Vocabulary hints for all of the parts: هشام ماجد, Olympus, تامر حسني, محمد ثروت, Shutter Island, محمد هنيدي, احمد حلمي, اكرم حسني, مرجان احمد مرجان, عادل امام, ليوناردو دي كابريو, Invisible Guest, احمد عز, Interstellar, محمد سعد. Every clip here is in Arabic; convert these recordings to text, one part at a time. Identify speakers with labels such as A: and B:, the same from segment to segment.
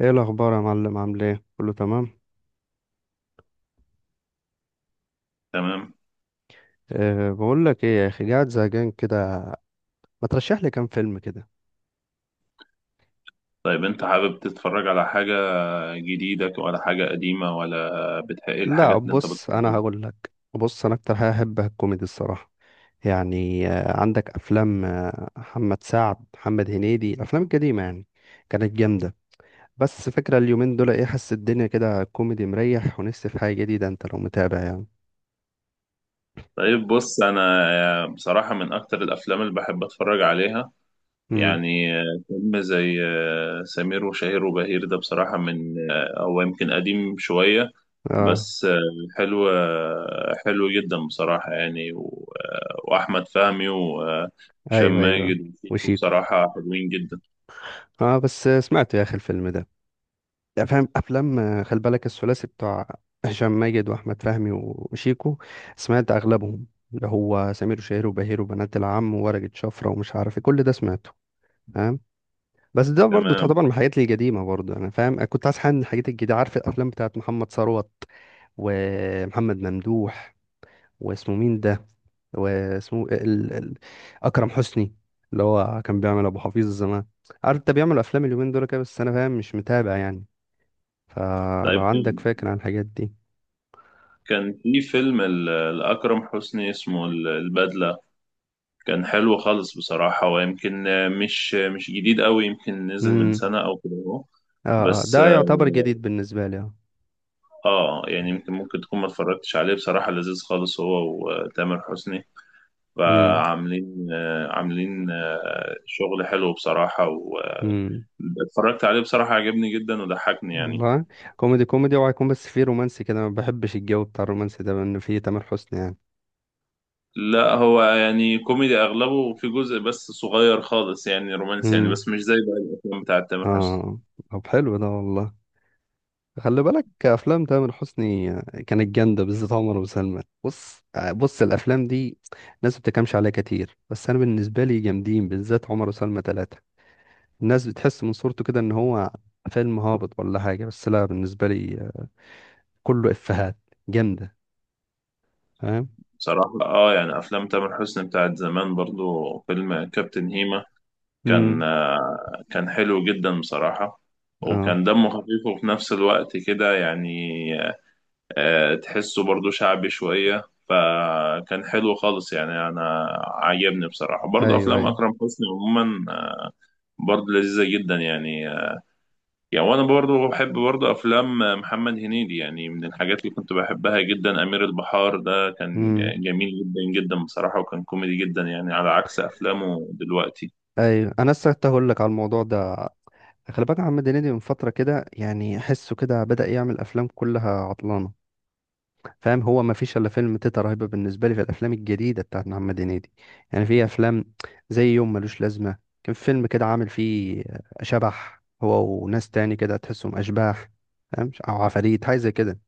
A: ايه الاخبار يا معلم، عامل ايه، كله تمام؟
B: تمام.
A: بقول لك ايه يا اخي، قاعد زهقان كده. ما ترشح لي كام فيلم كده.
B: طيب، انت حابب تتفرج على حاجة جديدة ولا حاجة قديمة، ولا ايه
A: لا
B: الحاجات اللي انت
A: بص، انا
B: بتفضلها؟
A: هقول لك، بص، انا اكتر حاجه احبها الكوميدي الصراحه. يعني عندك افلام محمد سعد، محمد هنيدي، الافلام القديمه يعني كانت جامده. بس فكره اليومين دول ايه، حاسس الدنيا كده كوميدي مريح، ونفسي في حاجه جديده، انت لو متابع يعني.
B: طيب، بص، انا بصراحة من اكتر الافلام اللي بحب اتفرج عليها
A: امم.
B: يعني فيلم زي سمير وشهير وبهير، ده بصراحة هو يمكن قديم شوية،
A: اه،
B: بس حلو، حلو جدا بصراحة يعني واحمد فهمي
A: ايوه،
B: وهشام
A: ايوه،
B: ماجد وشيكو
A: وشيكو.
B: بصراحة حلوين جدا.
A: اه، بس سمعت يا اخي الفيلم ده، يعني فاهم، افلام خلي بالك الثلاثي بتاع هشام ماجد واحمد فهمي وشيكو، سمعت اغلبهم، اللي هو سمير وشهير وبهير، وبنات العم، وورقة شفرة، ومش عارف ايه، كل ده سمعته، فاهم؟ بس ده برضو
B: تمام.
A: تعتبر من الحاجات القديمة، برضو انا فاهم، أنا كنت عايز حاجة من الحاجات الجديدة. عارف الافلام بتاعت محمد ثروت، ومحمد ممدوح، واسمه مين ده، واسمه اكرم حسني، اللي هو كان بيعمل ابو حفيظ زمان، عارف انت بيعمل افلام اليومين دول كده، بس انا فاهم مش متابع يعني. فلو
B: طيب،
A: عندك فكرة عن الحاجات دي.
B: كان في فيلم لأكرم حسني اسمه البدلة، كان حلو خالص بصراحة ويمكن مش جديد قوي، يمكن نزل من
A: امم.
B: سنة أو كده أهو.
A: اه، اه،
B: بس
A: ده يعتبر جديد بالنسبة لي، اه.
B: يعني ممكن تكون ما اتفرجتش عليه، بصراحة لذيذ خالص هو وتامر حسني.
A: امم.
B: فعاملين آه، عاملين آه، شغل حلو بصراحة.
A: امم.
B: واتفرجت عليه بصراحة، عجبني جدا وضحكني يعني.
A: والله، كوميدي كوميدي، وهيكون بس فيه رومانسي كده ما بحبش، الجو بتاع الرومانسي ده لأن فيه تامر حسني يعني.
B: لا، هو يعني كوميدي اغلبه، وفي جزء بس صغير خالص يعني رومانسي يعني،
A: امم.
B: بس مش زي بقى الافلام بتاعت تامر حسني.
A: اه، طب حلو ده والله. خلي بالك، افلام تامر حسني كانت جامده، بالذات عمر وسلمى، بص، بص الافلام دي، الناس ما بتكلمش عليها كتير، بس انا بالنسبه لي جامدين، بالذات عمر وسلمى 3. الناس بتحس من صورته كده ان هو فيلم هابط ولا حاجه، بس لا، بالنسبه لي كله افيهات جامده، فاهم؟
B: بصراحة يعني افلام تامر حسني بتاعت زمان، برضو فيلم كابتن هيما كان
A: امم.
B: آه، كان حلو جدا بصراحة،
A: اه،
B: وكان دمه خفيف وفي نفس الوقت كده يعني، تحسه برضو شعبي شوية، فكان حلو خالص يعني. أنا عجبني بصراحة، برضو
A: ايوه،
B: أفلام
A: ايوه.
B: أكرم حسني عموما برضو لذيذة جدا يعني. وانا برضه بحب برضه افلام محمد هنيدي، يعني من الحاجات اللي كنت بحبها جدا. امير البحار ده كان
A: امم.
B: جميل جدا جدا بصراحة، وكان كوميدي جدا يعني على عكس افلامه دلوقتي.
A: ايوه، انا لسه كنت هقول لك على الموضوع ده. خلي بالك، محمد هنيدي من فتره كده يعني احسه كده بدأ يعمل افلام كلها عطلانه، فاهم، هو ما فيش الا فيلم تيتا رهيبه بالنسبه لي في الافلام الجديده بتاعت محمد هنيدي، يعني في افلام زي يوم ملوش لازمه، كان في فيلم كده عامل فيه شبح، هو وناس تاني كده تحسهم اشباح، فاهم، او عفاريت حاجه زي كده.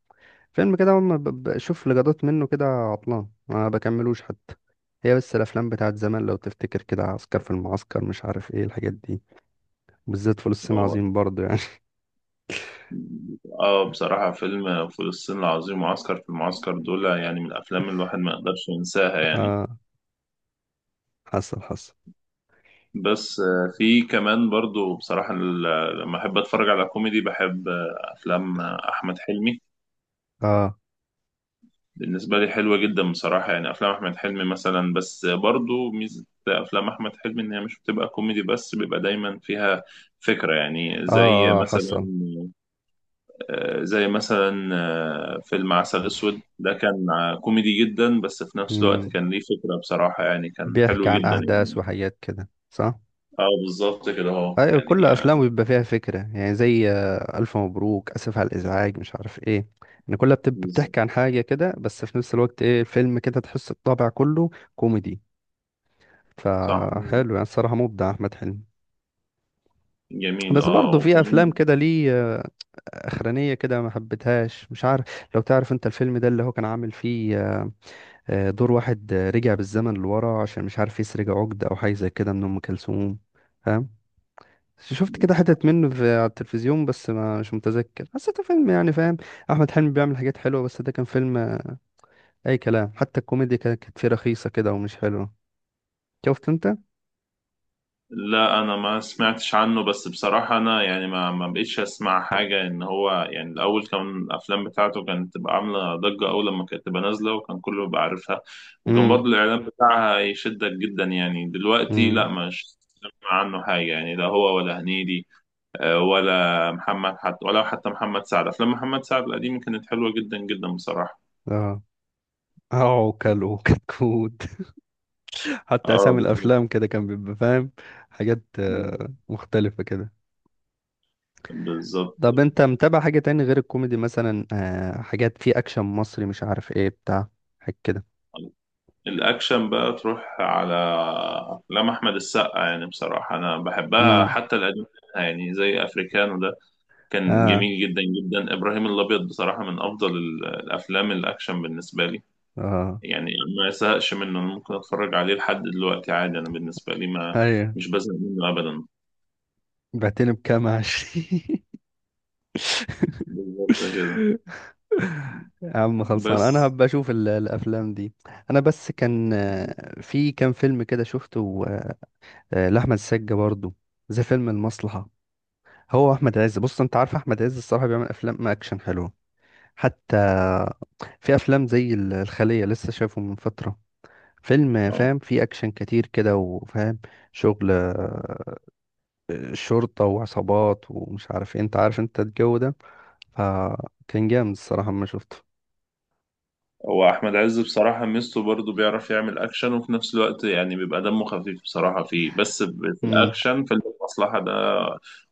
A: فيلم كده هم بشوف لقطات منه كده عطلان، ما بكملوش حتى. هي بس الافلام بتاعت زمان لو تفتكر كده، عسكر في المعسكر، مش عارف ايه الحاجات دي، وبالذات فول الصين
B: هو
A: العظيم برضه يعني.
B: اه بصراحة فيلم فلسطين العظيم وعسكر في المعسكر دول يعني من الافلام اللي الواحد ما يقدرش ينساها يعني.
A: اه، حصل، حصل.
B: بس، في كمان برضه بصراحة لما احب اتفرج على كوميدي، بحب افلام احمد حلمي.
A: اه،
B: بالنسبة لي حلوة جدا بصراحة يعني. أفلام أحمد حلمي مثلا، بس برضو ميزة أفلام أحمد حلمي إن هي مش بتبقى كوميدي بس، بيبقى دايما فيها فكرة يعني
A: اه،
B: زي
A: اه،
B: مثلا
A: حصل.
B: آه، زي مثلا آه، فيلم عسل أسود ده كان كوميدي جدا، بس في نفس الوقت كان ليه فكرة بصراحة يعني، كان
A: بيحكي
B: حلو
A: عن
B: جدا
A: أحداث
B: يعني.
A: وحاجات كده، صح؟
B: اه بالظبط كده اهو
A: أيوة، كل
B: يعني
A: أفلامه بيبقى فيها فكرة، يعني زي ألف مبروك، أسف على الإزعاج، مش عارف إيه، إن كلها بتبقى
B: بالظبط.
A: بتحكي عن حاجة كده، بس في نفس الوقت إيه الفيلم كده تحس الطابع كله كوميدي،
B: صح.
A: فحلو يعني الصراحة، مبدع أحمد حلمي.
B: جميل،
A: بس برضه في أفلام
B: وكمان.
A: كده ليه أخرانية كده ما حبيتهاش، مش عارف، لو تعرف أنت الفيلم ده، اللي هو كان عامل فيه دور واحد، رجع بالزمن لورا عشان مش عارف يسرق عقدة أو حاجة زي كده من أم كلثوم، فاهم، بس شفت كده حتت منه في على التلفزيون، بس ما مش متذكر، حسيته فيلم يعني، فاهم، احمد حلمي بيعمل حاجات حلوه، بس ده كان فيلم اي كلام، حتى الكوميديا كانت فيه رخيصه كده ومش حلوه، شفت انت.
B: لا، انا ما سمعتش عنه، بس بصراحة انا يعني ما بقيتش اسمع حاجة، ان هو يعني الاول كان الافلام بتاعته كانت تبقى عاملة ضجة اول لما كانت تبقى نازلة وكان كله بيبقى عارفها، وكان
A: امم.
B: برضو الاعلان بتاعها يشدك جدا يعني. دلوقتي لا،
A: امم.
B: مش سمع عنه حاجة يعني، لا هو ولا هنيدي، ولا محمد حتى، ولا حتى محمد سعد. افلام محمد سعد القديمة كانت حلوة جدا جدا بصراحة.
A: اه، اه، كلو كتكوت. حتى
B: اه،
A: اسامي الافلام كده كان بيبقى فاهم، حاجات
B: بالظبط،
A: مختلفه كده.
B: بالظبط.
A: طب انت متابع حاجه تاني غير الكوميدي، مثلا حاجات فيه اكشن مصري، مش عارف ايه بتاع حاجه كده.
B: الأكشن بقى تروح على أفلام أحمد السقا، يعني بصراحة أنا بحبها،
A: امم.
B: حتى القديم منها يعني، زي أفريكانو ده كان
A: اه،
B: جميل جدا جدا. إبراهيم الأبيض بصراحة من أفضل الأفلام الأكشن بالنسبة لي
A: اه،
B: يعني، ما يزهقش منه، أنا ممكن أتفرج عليه لحد دلوقتي عادي. أنا بالنسبة لي ما
A: ايوه،
B: مش بزهق منه أبدا.
A: بعتني بكام 20.
B: بالظبط كده،
A: يا عم خلصان، انا
B: بس
A: هبقى اشوف الافلام دي، انا بس كان في كام فيلم كده شفته لاحمد السقا برضو، زي فيلم المصلحة. هو احمد عز، بص انت عارف احمد عز الصراحة بيعمل افلام اكشن حلوة، حتى في افلام زي الخلية، لسه شايفه من فترة، فيلم
B: آه.
A: فاهم فيه اكشن كتير كده وفاهم، شغل شرطة وعصابات ومش عارف إيه. انت عارف انت الجو ده، فكان جامد الصراحة ما شفته.
B: هو احمد عز بصراحه، ميزته برضه بيعرف يعمل اكشن وفي نفس الوقت يعني بيبقى دمه خفيف بصراحه، فيه بس في
A: امم.
B: الاكشن، فيلم المصلحه ده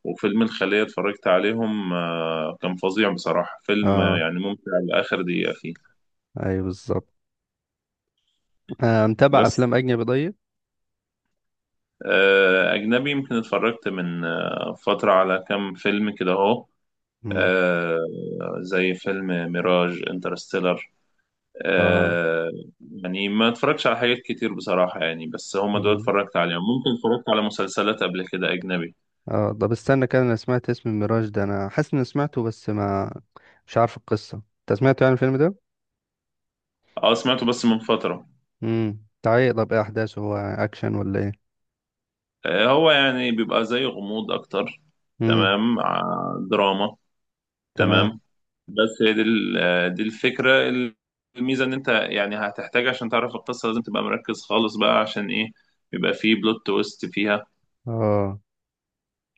B: وفيلم الخليه اتفرجت عليهم، كان فظيع بصراحه، فيلم
A: اه،
B: يعني ممتع لاخر دقيقه فيه.
A: ايوه بالظبط. آه، متابع
B: بس،
A: افلام اجنبي طيب؟
B: اجنبي يمكن اتفرجت من فتره على كام فيلم كده اهو،
A: امم.
B: آه، زي فيلم ميراج انترستيلر.
A: اه.
B: آه يعني ما اتفرجتش على حاجات كتير بصراحة يعني، بس هما دول
A: امم.
B: اتفرجت عليهم، ممكن اتفرجت على مسلسلات قبل كده أجنبي.
A: اه، طب استنى كده، انا سمعت اسم ميراج ده، انا حاسس اني سمعته، بس ما مش عارف القصه، انت سمعته يعني الفيلم ده؟
B: اه، سمعته بس من فترة.
A: امم، تعيق، طب ايه احداثه، هو اكشن ولا ايه؟
B: هو يعني بيبقى زي غموض أكتر.
A: امم.
B: تمام. دراما.
A: تمام.
B: تمام. بس هي دي دي الفكرة. الميزة إن أنت يعني هتحتاج عشان تعرف القصة لازم تبقى مركز خالص بقى، عشان إيه؟ بيبقى فيه بلوت تويست فيها.
A: اه.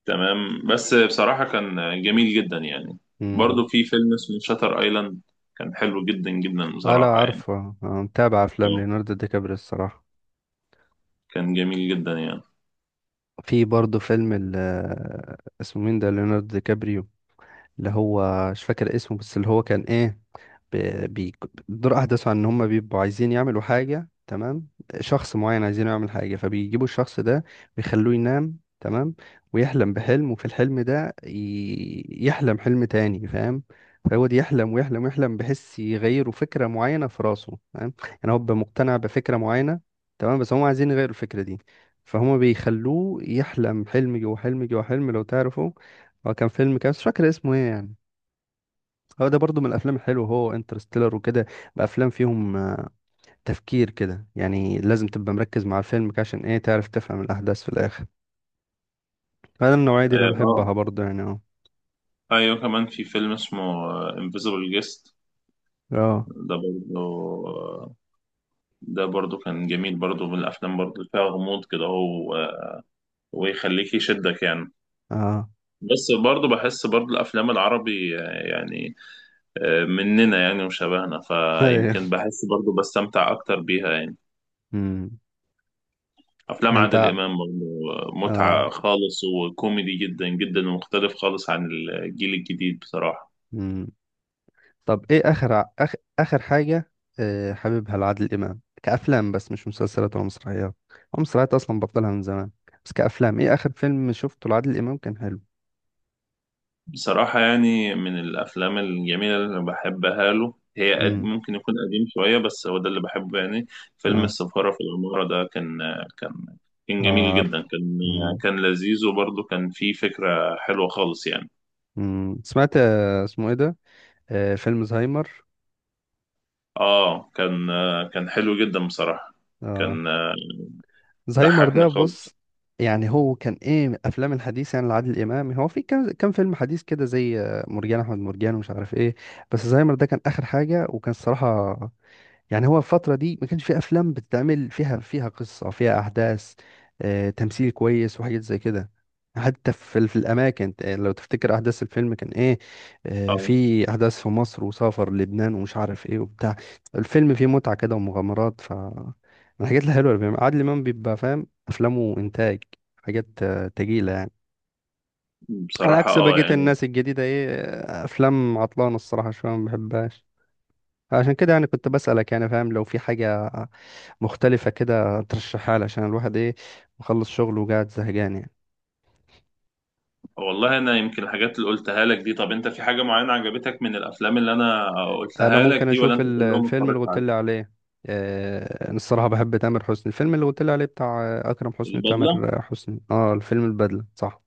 B: تمام. بس بصراحة كان جميل جدا يعني.
A: امم.
B: برضو في فيلم اسمه شاتر ايلاند كان حلو جدا جدا
A: اه، لا
B: بصراحة يعني.
A: عارفه. آه، متابع افلام
B: اه،
A: ليوناردو دي كابريو الصراحه؟
B: كان جميل جدا يعني
A: في برضه فيلم ال، اسمه مين ده، ليوناردو دي كابريو، اللي هو مش فاكر اسمه، بس اللي هو كان ايه، بتدور احداثه عن ان هم بيبقوا عايزين يعملوا حاجه، تمام، شخص معين عايزين يعمل حاجه، فبيجيبوا الشخص ده، بيخلوه ينام، تمام، ويحلم بحلم، وفي الحلم ده يحلم حلم تاني، فاهم، فهو دي يحلم ويحلم ويحلم، بحس يغيروا فكره معينه في راسه، فاهم، يعني هو بيبقى مقتنع بفكره معينه، تمام، بس هم عايزين يغيروا الفكره دي، فهم بيخلوه يحلم حلم جوه حلم جوه حلم، لو تعرفوا، هو كان فيلم، كان مش فاكر اسمه ايه يعني. هو ده برضو من الافلام الحلوه، هو انترستيلر وكده، بافلام فيهم تفكير كده، يعني لازم تبقى مركز مع الفيلم كده عشان ايه تعرف تفهم الاحداث في الاخر. هذا النوعيه دي انا
B: اه آه.
A: بحبها برضو يعني، اه.
B: ايوه، كمان في فيلم اسمه انفيزبل جيست،
A: اه،
B: ده برضو آه، ده برضو كان جميل، برضو من الافلام برضو اللي فيها غموض كده، هو آه، ويخليك يشدك يعني.
A: اه.
B: بس برضو بحس برضو الافلام العربي، يعني مننا يعني وشبهنا،
A: أيوة.
B: فيمكن بحس برضو بستمتع اكتر بيها يعني.
A: أمم.
B: افلام عادل
A: انت.
B: امام برضه
A: اه.
B: متعه خالص وكوميدي جدا جدا، ومختلف خالص عن الجيل الجديد بصراحه.
A: أمم. طب ايه اخر اخر حاجه حاببها لعادل امام كافلام، بس مش مسلسلات ولا مسرحيات، هو مسرحيات اصلا بطلها من زمان، بس كافلام ايه اخر فيلم شفته لعادل امام كان حلو؟
B: بصراحه يعني من الافلام الجميله اللي أنا بحبها له، هي قد
A: امم.
B: ممكن يكون قديم شويه بس هو ده اللي بحبه يعني. فيلم
A: اه،
B: السفاره في العماره ده كان كان
A: اه
B: جميل جدا،
A: عارف.
B: كان لذيذ، وبرضه كان فيه فكره حلوه خالص يعني.
A: مم. سمعت اسمه ايه ده، فيلم زهايمر.
B: اه كان كان حلو جدا بصراحه،
A: آه.
B: كان آه،
A: زهايمر
B: ضحكني
A: ده
B: خالص.
A: بص، يعني هو كان ايه من الافلام الحديثه يعني لعادل امام، هو في كان فيلم حديث كده زي مرجان احمد مرجان ومش عارف ايه، بس زهايمر ده كان اخر حاجه وكان الصراحه، يعني هو الفترة دي ما كانش في أفلام بتتعمل، فيها قصة، فيها أحداث، تمثيل كويس وحاجات زي كده، حتى في الأماكن، لو تفتكر أحداث الفيلم كان إيه،
B: اه.
A: في أحداث في مصر، وسافر لبنان ومش عارف إيه وبتاع، الفيلم فيه متعة كده ومغامرات، ف الحاجات الحلوة اللي بيعملها عادل إمام، بيبقى فاهم أفلامه إنتاج، حاجات تقيلة يعني، على
B: بصراحة
A: عكس بقية
B: يعني
A: الناس الجديدة إيه، أفلام عطلانة الصراحة شوية ما بحبهاش، فعشان كده يعني كنت بسألك يعني فاهم، لو في حاجة مختلفة كده ترشحها لي عشان الواحد ايه، مخلص شغله وقاعد زهقان يعني.
B: والله انا يمكن الحاجات اللي قلتها لك دي. طب انت في حاجه معينه عجبتك من الافلام اللي انا
A: انا
B: قلتها لك
A: ممكن
B: دي، ولا
A: اشوف
B: انت
A: ال-
B: كلهم
A: الفيلم اللي
B: اتفرجت
A: قلت
B: عليهم؟
A: لي عليه، انا الصراحة بحب تامر حسني، الفيلم اللي قلت لي عليه بتاع اكرم حسني،
B: البدله.
A: وتامر حسني، اه الفيلم البدلة، صح؟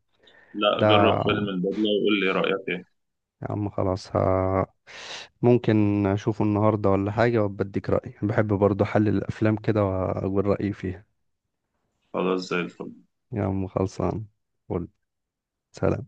B: لا،
A: ده
B: جرب فيلم البدله وقول لي رايك ايه.
A: يا عم خلاص، ها، ممكن اشوفه النهاردة ولا حاجة وبديك رأيي، بحب برضه احلل الافلام كده واقول رأيي فيها.
B: خلاص، زي الفل.
A: يا عم خلصان، قول، سلام.